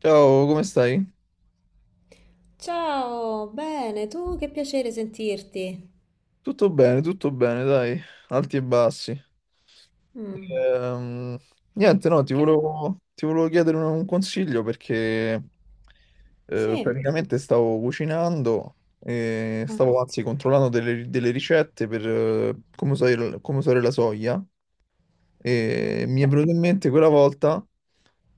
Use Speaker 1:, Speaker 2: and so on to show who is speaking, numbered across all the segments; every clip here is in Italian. Speaker 1: Ciao, come stai?
Speaker 2: Ciao, bene, tu che piacere sentirti.
Speaker 1: Tutto bene, dai, alti e bassi.
Speaker 2: Mm.
Speaker 1: Ehm, niente, no, ti
Speaker 2: che...
Speaker 1: volevo, ti volevo chiedere un consiglio perché
Speaker 2: Sì.
Speaker 1: praticamente stavo cucinando e
Speaker 2: Ah,
Speaker 1: stavo anzi controllando delle ricette per come usare la soia e mi è
Speaker 2: da-
Speaker 1: venuto in mente quella volta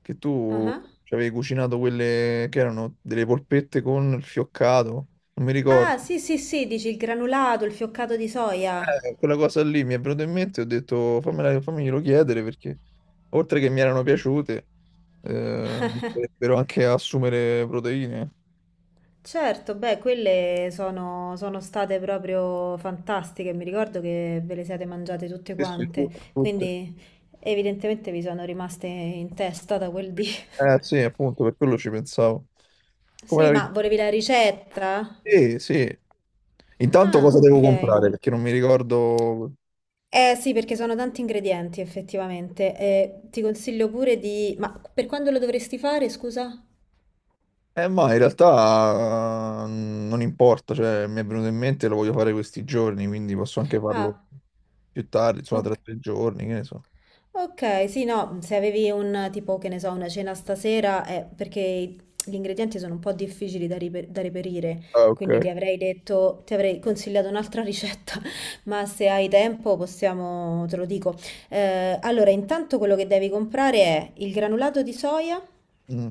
Speaker 1: che tu
Speaker 2: ah.
Speaker 1: ci avevi cucinato quelle che erano delle polpette con il fioccato, non mi ricordo.
Speaker 2: Ah, sì, sì, sì, dici il granulato, il fioccato di soia.
Speaker 1: Quella cosa lì mi è venuta in mente, ho detto fammela, fammiglielo chiedere perché oltre che mi erano piaciute, mi potrebbero anche assumere proteine.
Speaker 2: Certo, beh, quelle sono state proprio fantastiche, mi ricordo che ve le siete mangiate tutte
Speaker 1: Sì, sì,
Speaker 2: quante,
Speaker 1: tutte, tutte.
Speaker 2: quindi evidentemente vi sono rimaste in testa da quel dì.
Speaker 1: Eh sì, appunto, per quello ci pensavo. Come
Speaker 2: Sì,
Speaker 1: la vedi?
Speaker 2: ma volevi la ricetta?
Speaker 1: Sì, sì. Intanto
Speaker 2: Ah,
Speaker 1: cosa devo
Speaker 2: ok.
Speaker 1: comprare? Perché non mi ricordo.
Speaker 2: Eh sì, perché sono tanti ingredienti effettivamente. Ti consiglio pure di... Ma per quando lo dovresti fare, scusa?
Speaker 1: Ma in realtà non importa, cioè mi è venuto in mente, lo voglio fare questi giorni, quindi posso anche farlo
Speaker 2: Ah,
Speaker 1: più tardi, insomma tra
Speaker 2: ok.
Speaker 1: tre giorni, che ne so.
Speaker 2: Ok, sì, no, se avevi un tipo, che ne so, una cena stasera, perché gli ingredienti sono un po' difficili da reperire,
Speaker 1: Ah, ok.
Speaker 2: quindi ti avrei consigliato un'altra ricetta, ma se hai tempo possiamo, te lo dico. Allora, intanto quello che devi comprare è il granulato di soia.
Speaker 1: Mm,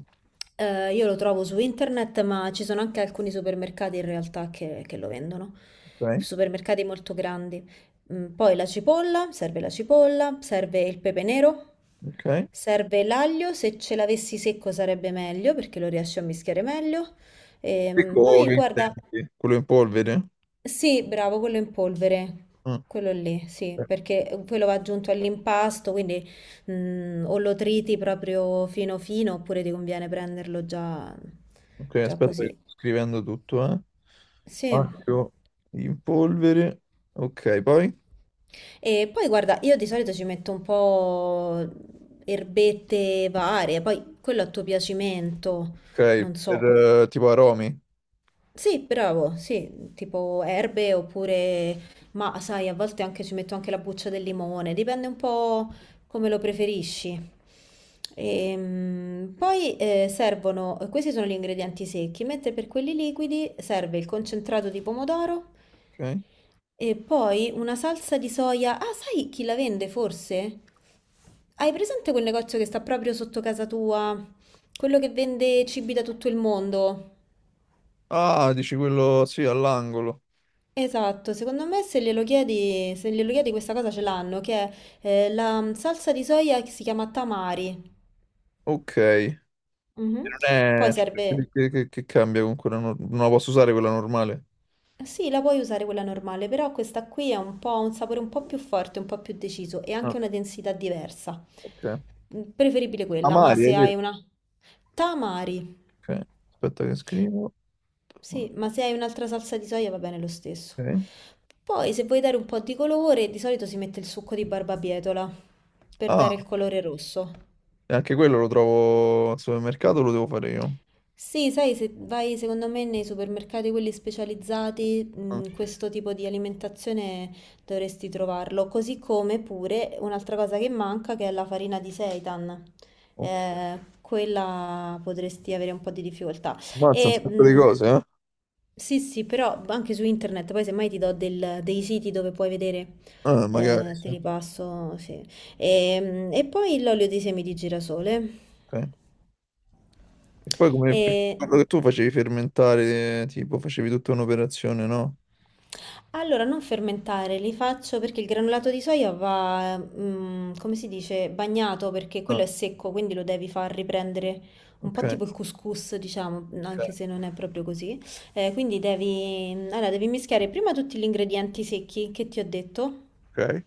Speaker 2: Io lo trovo su internet, ma ci sono anche alcuni supermercati in realtà che lo vendono.
Speaker 1: ok.
Speaker 2: Supermercati molto grandi. Poi la cipolla, serve il pepe nero,
Speaker 1: Ok.
Speaker 2: serve l'aglio, se ce l'avessi secco sarebbe meglio perché lo riesci a mischiare meglio.
Speaker 1: Secco
Speaker 2: Poi
Speaker 1: che
Speaker 2: guarda,
Speaker 1: intendi? Quello in polvere?
Speaker 2: sì, bravo, quello in polvere,
Speaker 1: Ah,
Speaker 2: quello lì, sì,
Speaker 1: eh,
Speaker 2: perché quello va aggiunto all'impasto, quindi o lo triti proprio fino fino, oppure ti conviene prenderlo già,
Speaker 1: ok,
Speaker 2: già
Speaker 1: aspetta che
Speaker 2: così.
Speaker 1: sto scrivendo tutto, eh.
Speaker 2: Sì.
Speaker 1: Accio, in polvere. Ok, poi?
Speaker 2: E poi guarda, io di solito ci metto un po' erbette varie, poi quello a tuo piacimento,
Speaker 1: Ok,
Speaker 2: non
Speaker 1: per
Speaker 2: so,
Speaker 1: tipo aromi.
Speaker 2: sì, bravo, sì, tipo erbe oppure, ma sai, a volte anche ci metto anche la buccia del limone, dipende un po' come lo preferisci. Poi servono, questi sono gli ingredienti secchi, mentre per quelli liquidi serve il concentrato di pomodoro
Speaker 1: Ok.
Speaker 2: e poi una salsa di soia. Ah, sai chi la vende forse? Hai presente quel negozio che sta proprio sotto casa tua? Quello che vende cibi da tutto il mondo?
Speaker 1: Ah, dici quello, sì, all'angolo.
Speaker 2: Esatto, secondo me se glielo chiedi questa cosa ce l'hanno, che è la salsa di soia che si chiama tamari.
Speaker 1: Ok. Non
Speaker 2: Mhm.
Speaker 1: è,
Speaker 2: Poi
Speaker 1: cioè,
Speaker 2: serve,
Speaker 1: che cambia con quella Non la posso usare quella normale?
Speaker 2: sì, la puoi usare quella normale, però questa qui è un po', ha un sapore un po' più forte, un po' più deciso e
Speaker 1: Ah,
Speaker 2: anche una densità diversa.
Speaker 1: ok.
Speaker 2: Preferibile quella, ma
Speaker 1: Amari, hai
Speaker 2: se
Speaker 1: detto.
Speaker 2: hai una... Tamari.
Speaker 1: Ok, aspetta che scrivo.
Speaker 2: Sì, ma se hai un'altra salsa di soia va bene lo stesso.
Speaker 1: Ok.
Speaker 2: Poi se vuoi dare un po' di colore, di solito si mette il succo di barbabietola per dare
Speaker 1: Ah,
Speaker 2: il colore rosso.
Speaker 1: e anche quello lo trovo al supermercato, lo devo fare io.
Speaker 2: Sì, sai, se vai secondo me nei supermercati quelli specializzati,
Speaker 1: Ah,
Speaker 2: questo tipo di alimentazione dovresti trovarlo. Così come pure un'altra cosa che manca che è la farina di seitan.
Speaker 1: ok.
Speaker 2: Quella potresti avere un po' di difficoltà.
Speaker 1: Mazza, un
Speaker 2: E,
Speaker 1: sacco di cose, eh?
Speaker 2: sì, sì, però anche su internet, poi semmai ti do dei siti dove puoi vedere,
Speaker 1: Ah, magari,
Speaker 2: te
Speaker 1: sì.
Speaker 2: li passo, sì. E poi l'olio di semi di girasole.
Speaker 1: Ok. E poi come per
Speaker 2: E
Speaker 1: quello che tu facevi fermentare, tipo facevi tutta un'operazione, no?
Speaker 2: allora non fermentare, li faccio perché il granulato di soia va, come si dice, bagnato perché
Speaker 1: Ah,
Speaker 2: quello è secco, quindi lo devi far riprendere un po'
Speaker 1: ok,
Speaker 2: tipo il couscous, diciamo, anche se
Speaker 1: ok,
Speaker 2: non è proprio così. Quindi devi, allora, devi mischiare prima tutti gli ingredienti secchi che ti ho detto.
Speaker 1: ok.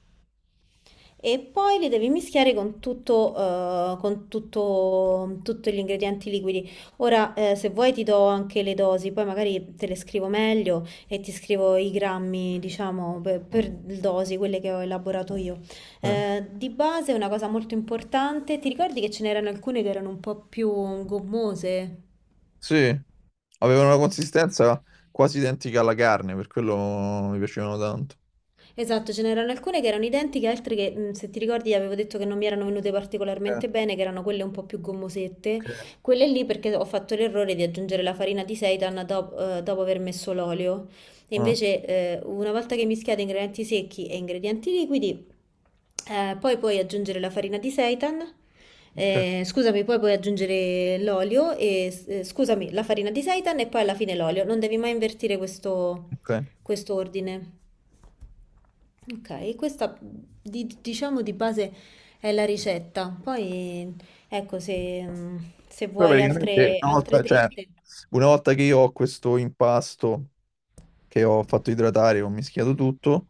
Speaker 2: E poi li devi mischiare con tutto, con tutti gli ingredienti liquidi. Ora, se vuoi ti do anche le dosi, poi magari te le scrivo meglio e ti scrivo i grammi, diciamo, per dosi, quelle che ho elaborato io.
Speaker 1: Ok.
Speaker 2: Di base, una cosa molto importante, ti ricordi che ce n'erano alcune che erano un po' più gommose?
Speaker 1: Sì, avevano una consistenza quasi identica alla carne, per quello mi piacevano tanto.
Speaker 2: Esatto, ce n'erano alcune che erano identiche, altre che, se ti ricordi, avevo detto che non mi erano venute
Speaker 1: Eh,
Speaker 2: particolarmente bene, che erano quelle un po' più gommosette.
Speaker 1: ok.
Speaker 2: Quelle lì perché ho fatto l'errore di aggiungere la farina di seitan dopo aver messo l'olio. E
Speaker 1: Ah,
Speaker 2: invece, una volta che mischiate ingredienti secchi e ingredienti liquidi, poi puoi aggiungere la farina di seitan.
Speaker 1: ok,
Speaker 2: Scusami, poi puoi aggiungere l'olio e, scusami, la farina di seitan e poi alla fine l'olio. Non devi mai invertire questo,
Speaker 1: ok.
Speaker 2: questo ordine. Ok, questa diciamo di base è la ricetta. Poi ecco se
Speaker 1: Poi
Speaker 2: vuoi
Speaker 1: praticamente
Speaker 2: altre,
Speaker 1: una
Speaker 2: altre
Speaker 1: volta, cioè,
Speaker 2: dritte.
Speaker 1: una volta che io ho questo impasto che ho fatto idratare, ho mischiato tutto,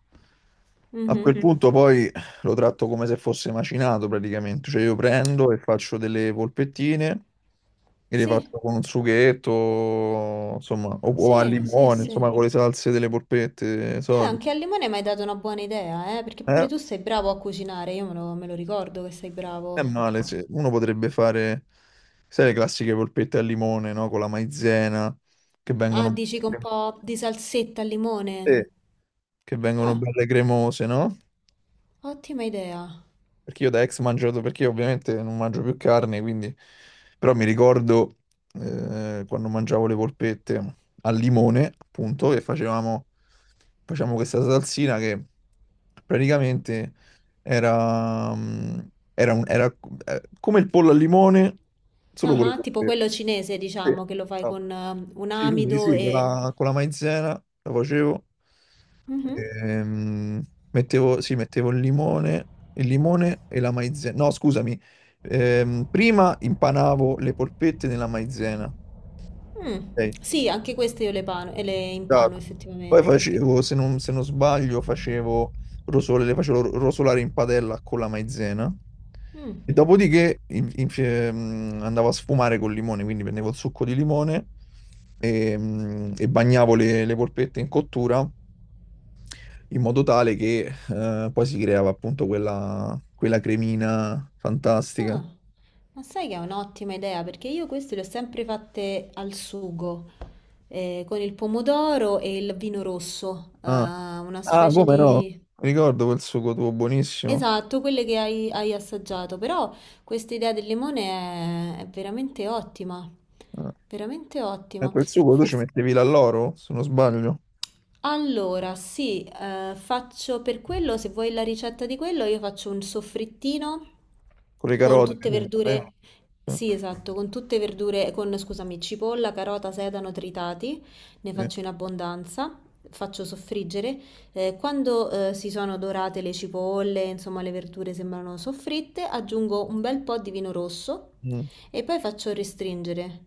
Speaker 1: a quel sì,
Speaker 2: Mhm.
Speaker 1: punto poi lo tratto come se fosse macinato praticamente, cioè io prendo e faccio delle polpettine e le
Speaker 2: Sì,
Speaker 1: faccio con un sughetto, insomma, o al
Speaker 2: sì, sì,
Speaker 1: limone,
Speaker 2: sì.
Speaker 1: insomma, con le salse delle polpette solite.
Speaker 2: Anche al limone mi hai dato una buona idea, perché
Speaker 1: Eh,
Speaker 2: pure tu sei bravo a cucinare, io me lo ricordo che sei
Speaker 1: è
Speaker 2: bravo.
Speaker 1: male, sì. Uno potrebbe fare, sai, le classiche polpette al limone, no? Con la maizena, che
Speaker 2: Ah,
Speaker 1: vengono,
Speaker 2: dici con un po' di salsetta al limone.
Speaker 1: sì, che vengono
Speaker 2: Ah,
Speaker 1: belle cremose, no?
Speaker 2: ottima idea.
Speaker 1: Perché io da ex mangio, perché io ovviamente non mangio più carne, quindi. Però mi ricordo quando mangiavo le polpette al limone, appunto, facevamo questa salsina che praticamente era, mm, era, un- era co- come il pollo al limone, solo
Speaker 2: Ah,
Speaker 1: con le
Speaker 2: ah, tipo
Speaker 1: polpette.
Speaker 2: quello cinese,
Speaker 1: Sì.
Speaker 2: diciamo, che lo fai
Speaker 1: No.
Speaker 2: con un
Speaker 1: Sì, quindi
Speaker 2: amido
Speaker 1: sì, con
Speaker 2: e...
Speaker 1: con la maizena lo facevo.
Speaker 2: Mhm.
Speaker 1: Ehm, mettevo, sì, mettevo il limone e la maizena. No, scusami. Prima impanavo le polpette nella maizena.
Speaker 2: Mh.
Speaker 1: Ok?
Speaker 2: Sì, anche queste io le pano e le impano
Speaker 1: Esatto. Poi
Speaker 2: effettivamente.
Speaker 1: facevo, se non sbaglio, facevo rosole, le facevo rosolare in padella con la maizena
Speaker 2: Mh.
Speaker 1: e dopodiché andavo a sfumare col limone, quindi prendevo il succo di limone e bagnavo le polpette in cottura in modo tale che poi si creava appunto quella cremina fantastica.
Speaker 2: Ah. Ma sai che è un'ottima idea, perché io queste le ho sempre fatte al sugo, con il pomodoro e il vino rosso,
Speaker 1: Ah.
Speaker 2: una
Speaker 1: Ah,
Speaker 2: specie
Speaker 1: come no?
Speaker 2: di...
Speaker 1: Ricordo quel sugo tuo buonissimo.
Speaker 2: Esatto, quelle che hai assaggiato, però questa idea del limone è veramente ottima,
Speaker 1: Ah.
Speaker 2: veramente
Speaker 1: E
Speaker 2: ottima.
Speaker 1: quel sugo tu ci
Speaker 2: Forse...
Speaker 1: mettevi l'alloro, se non sbaglio.
Speaker 2: Allora, sì, faccio per quello, se vuoi la ricetta di quello, io faccio un soffrittino
Speaker 1: Con le
Speaker 2: con
Speaker 1: carote.
Speaker 2: tutte
Speaker 1: Eh,
Speaker 2: verdure, sì, esatto, con tutte verdure, con, scusami, cipolla, carota, sedano tritati, ne
Speaker 1: sì.
Speaker 2: faccio in abbondanza, faccio soffriggere. Quando, si sono dorate le cipolle, insomma, le verdure sembrano soffritte, aggiungo un bel po' di vino rosso
Speaker 1: Mm,
Speaker 2: e poi faccio restringere.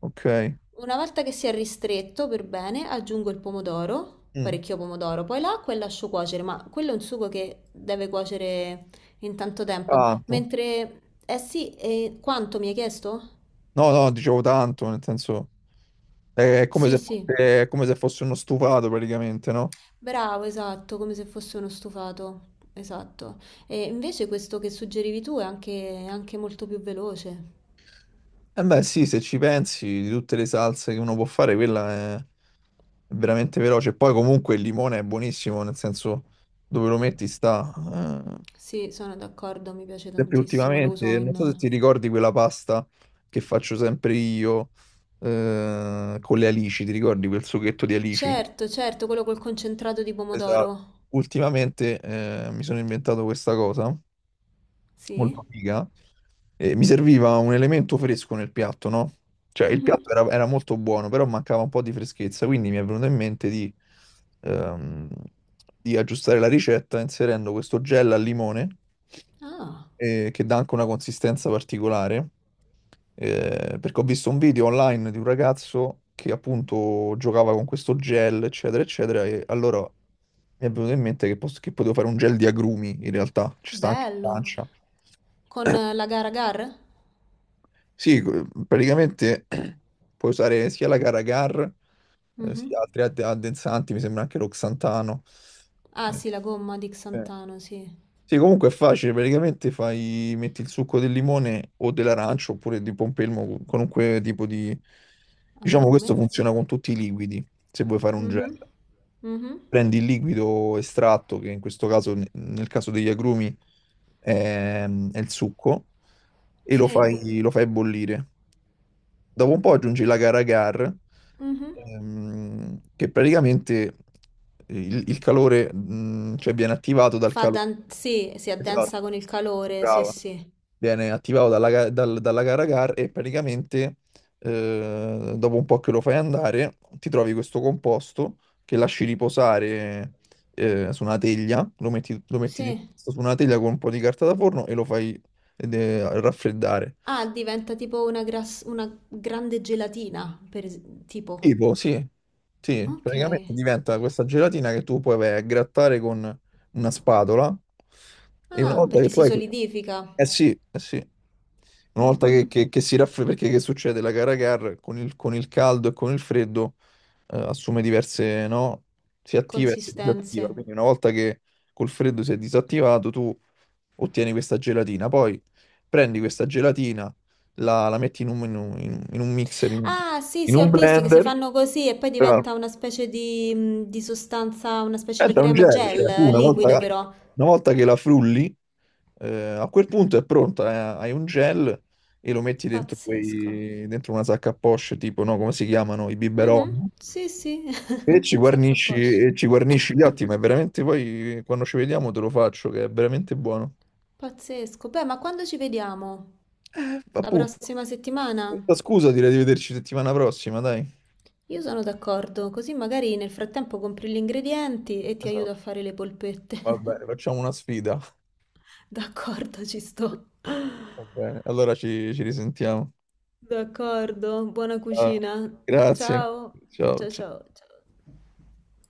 Speaker 1: ok.
Speaker 2: Una volta che si è ristretto per bene, aggiungo il pomodoro,
Speaker 1: Mm,
Speaker 2: parecchio pomodoro, poi l'acqua e lascio cuocere, ma quello è un sugo che deve cuocere in tanto tempo.
Speaker 1: tanto.
Speaker 2: Mentre, eh sì, e quanto mi hai chiesto?
Speaker 1: No, no, dicevo tanto, nel senso,
Speaker 2: Sì, sì,
Speaker 1: è come se fosse uno stufato praticamente, no?
Speaker 2: bravo, esatto, come se fosse uno stufato, esatto. E invece questo che suggerivi tu è anche molto più veloce.
Speaker 1: Eh beh, sì, se ci pensi, di tutte le salse che uno può fare, quella è veramente veloce. Poi comunque il limone è buonissimo, nel senso dove lo metti sta. Eh,
Speaker 2: Sì, sono d'accordo, mi piace
Speaker 1: sempre
Speaker 2: tantissimo, lo
Speaker 1: ultimamente,
Speaker 2: uso
Speaker 1: non so se
Speaker 2: in...
Speaker 1: ti ricordi quella pasta che faccio sempre io con le alici, ti ricordi quel sughetto di alici?
Speaker 2: Certo, certo, quello col concentrato di
Speaker 1: Esatto.
Speaker 2: pomodoro.
Speaker 1: Ultimamente mi sono inventato questa cosa, molto
Speaker 2: Sì?
Speaker 1: figa, e mi serviva un elemento fresco nel piatto, no? Cioè,
Speaker 2: Mhm.
Speaker 1: era molto buono, però mancava un po' di freschezza, quindi mi è venuto in mente ehm, di aggiustare la ricetta inserendo questo gel al limone,
Speaker 2: Ah,
Speaker 1: che dà anche una consistenza particolare, perché ho visto un video online di un ragazzo che appunto giocava con questo gel, eccetera, eccetera, e allora mi è venuto in mente che potevo fare un gel di agrumi, in realtà, ci sta anche in
Speaker 2: bello.
Speaker 1: Francia.
Speaker 2: Con la Garagar?
Speaker 1: Sì, praticamente puoi usare sia la Caracar,
Speaker 2: Mhm.
Speaker 1: sia altri addensanti, mi sembra anche l'oxantano.
Speaker 2: Ah
Speaker 1: Eh,
Speaker 2: sì, la gomma di
Speaker 1: eh.
Speaker 2: Xantano, sì.
Speaker 1: Sì, comunque è facile, praticamente fai, metti il succo del limone o dell'arancio oppure di pompelmo, qualunque tipo di. Diciamo
Speaker 2: Agrume.
Speaker 1: questo funziona con tutti i liquidi, se vuoi fare un gel.
Speaker 2: Mhm. Mhm.
Speaker 1: Prendi il liquido estratto, che in questo caso, nel caso degli agrumi, è, è il succo,
Speaker 2: Sì.
Speaker 1: lo fai bollire. Dopo un po' aggiungi la gara GAR,
Speaker 2: Mhm.
Speaker 1: che praticamente il calore, cioè viene attivato dal calore.
Speaker 2: Sì, si
Speaker 1: Esatto,
Speaker 2: addensa con il calore, sì,
Speaker 1: brava.
Speaker 2: sì.
Speaker 1: Viene attivato dalla gara GAR e praticamente dopo un po' che lo fai andare, ti trovi questo composto che lasci riposare su una teglia, lo metti
Speaker 2: Sì.
Speaker 1: su una teglia con un po' di carta da forno e lo fai raffreddare.
Speaker 2: Ah, diventa tipo una grande gelatina, tipo.
Speaker 1: Tipo, sì, sì,
Speaker 2: Ok.
Speaker 1: praticamente diventa questa gelatina che tu puoi vai a grattare con una spatola e una
Speaker 2: Ah,
Speaker 1: volta che
Speaker 2: perché
Speaker 1: tu
Speaker 2: si
Speaker 1: hai,
Speaker 2: solidifica.
Speaker 1: eh sì, eh sì. Una volta che si raffredda, perché che succede? La Cara Car con con il caldo e con il freddo assume diverse, no? Si attiva e si disattiva,
Speaker 2: Consistenze.
Speaker 1: quindi una volta che col freddo si è disattivato tu ottieni questa gelatina, poi prendi questa gelatina, la metti in un, in un mixer, in,
Speaker 2: Ah, sì,
Speaker 1: in
Speaker 2: sì,
Speaker 1: un
Speaker 2: ho visto che si
Speaker 1: blender
Speaker 2: fanno così e poi
Speaker 1: però.
Speaker 2: diventa una specie di sostanza, una specie di
Speaker 1: Aspetta, è un
Speaker 2: crema
Speaker 1: genere,
Speaker 2: gel
Speaker 1: cioè,
Speaker 2: liquido però.
Speaker 1: una volta che la frulli, a quel punto è pronta, hai un gel e lo metti dentro,
Speaker 2: Pazzesco.
Speaker 1: dentro una sacca a poche, tipo, no, come si chiamano, i
Speaker 2: Mhm,
Speaker 1: biberon,
Speaker 2: sì, sì, sacco a poche.
Speaker 1: e ci guarnisci gli atti, ma è veramente poi, quando ci vediamo, te lo faccio, che è veramente buono.
Speaker 2: Pazzesco. Beh, ma quando ci vediamo? La
Speaker 1: Appunto,
Speaker 2: prossima settimana?
Speaker 1: questa scusa direi di vederci settimana prossima, dai.
Speaker 2: Io sono d'accordo, così magari nel frattempo compri gli ingredienti e ti aiuto
Speaker 1: Esatto.
Speaker 2: a fare le polpette.
Speaker 1: Va bene, facciamo una sfida.
Speaker 2: D'accordo, ci sto.
Speaker 1: Va bene, allora ci risentiamo.
Speaker 2: D'accordo, buona
Speaker 1: Ah,
Speaker 2: cucina.
Speaker 1: grazie,
Speaker 2: Ciao,
Speaker 1: ciao.
Speaker 2: ciao, ciao. Ciao.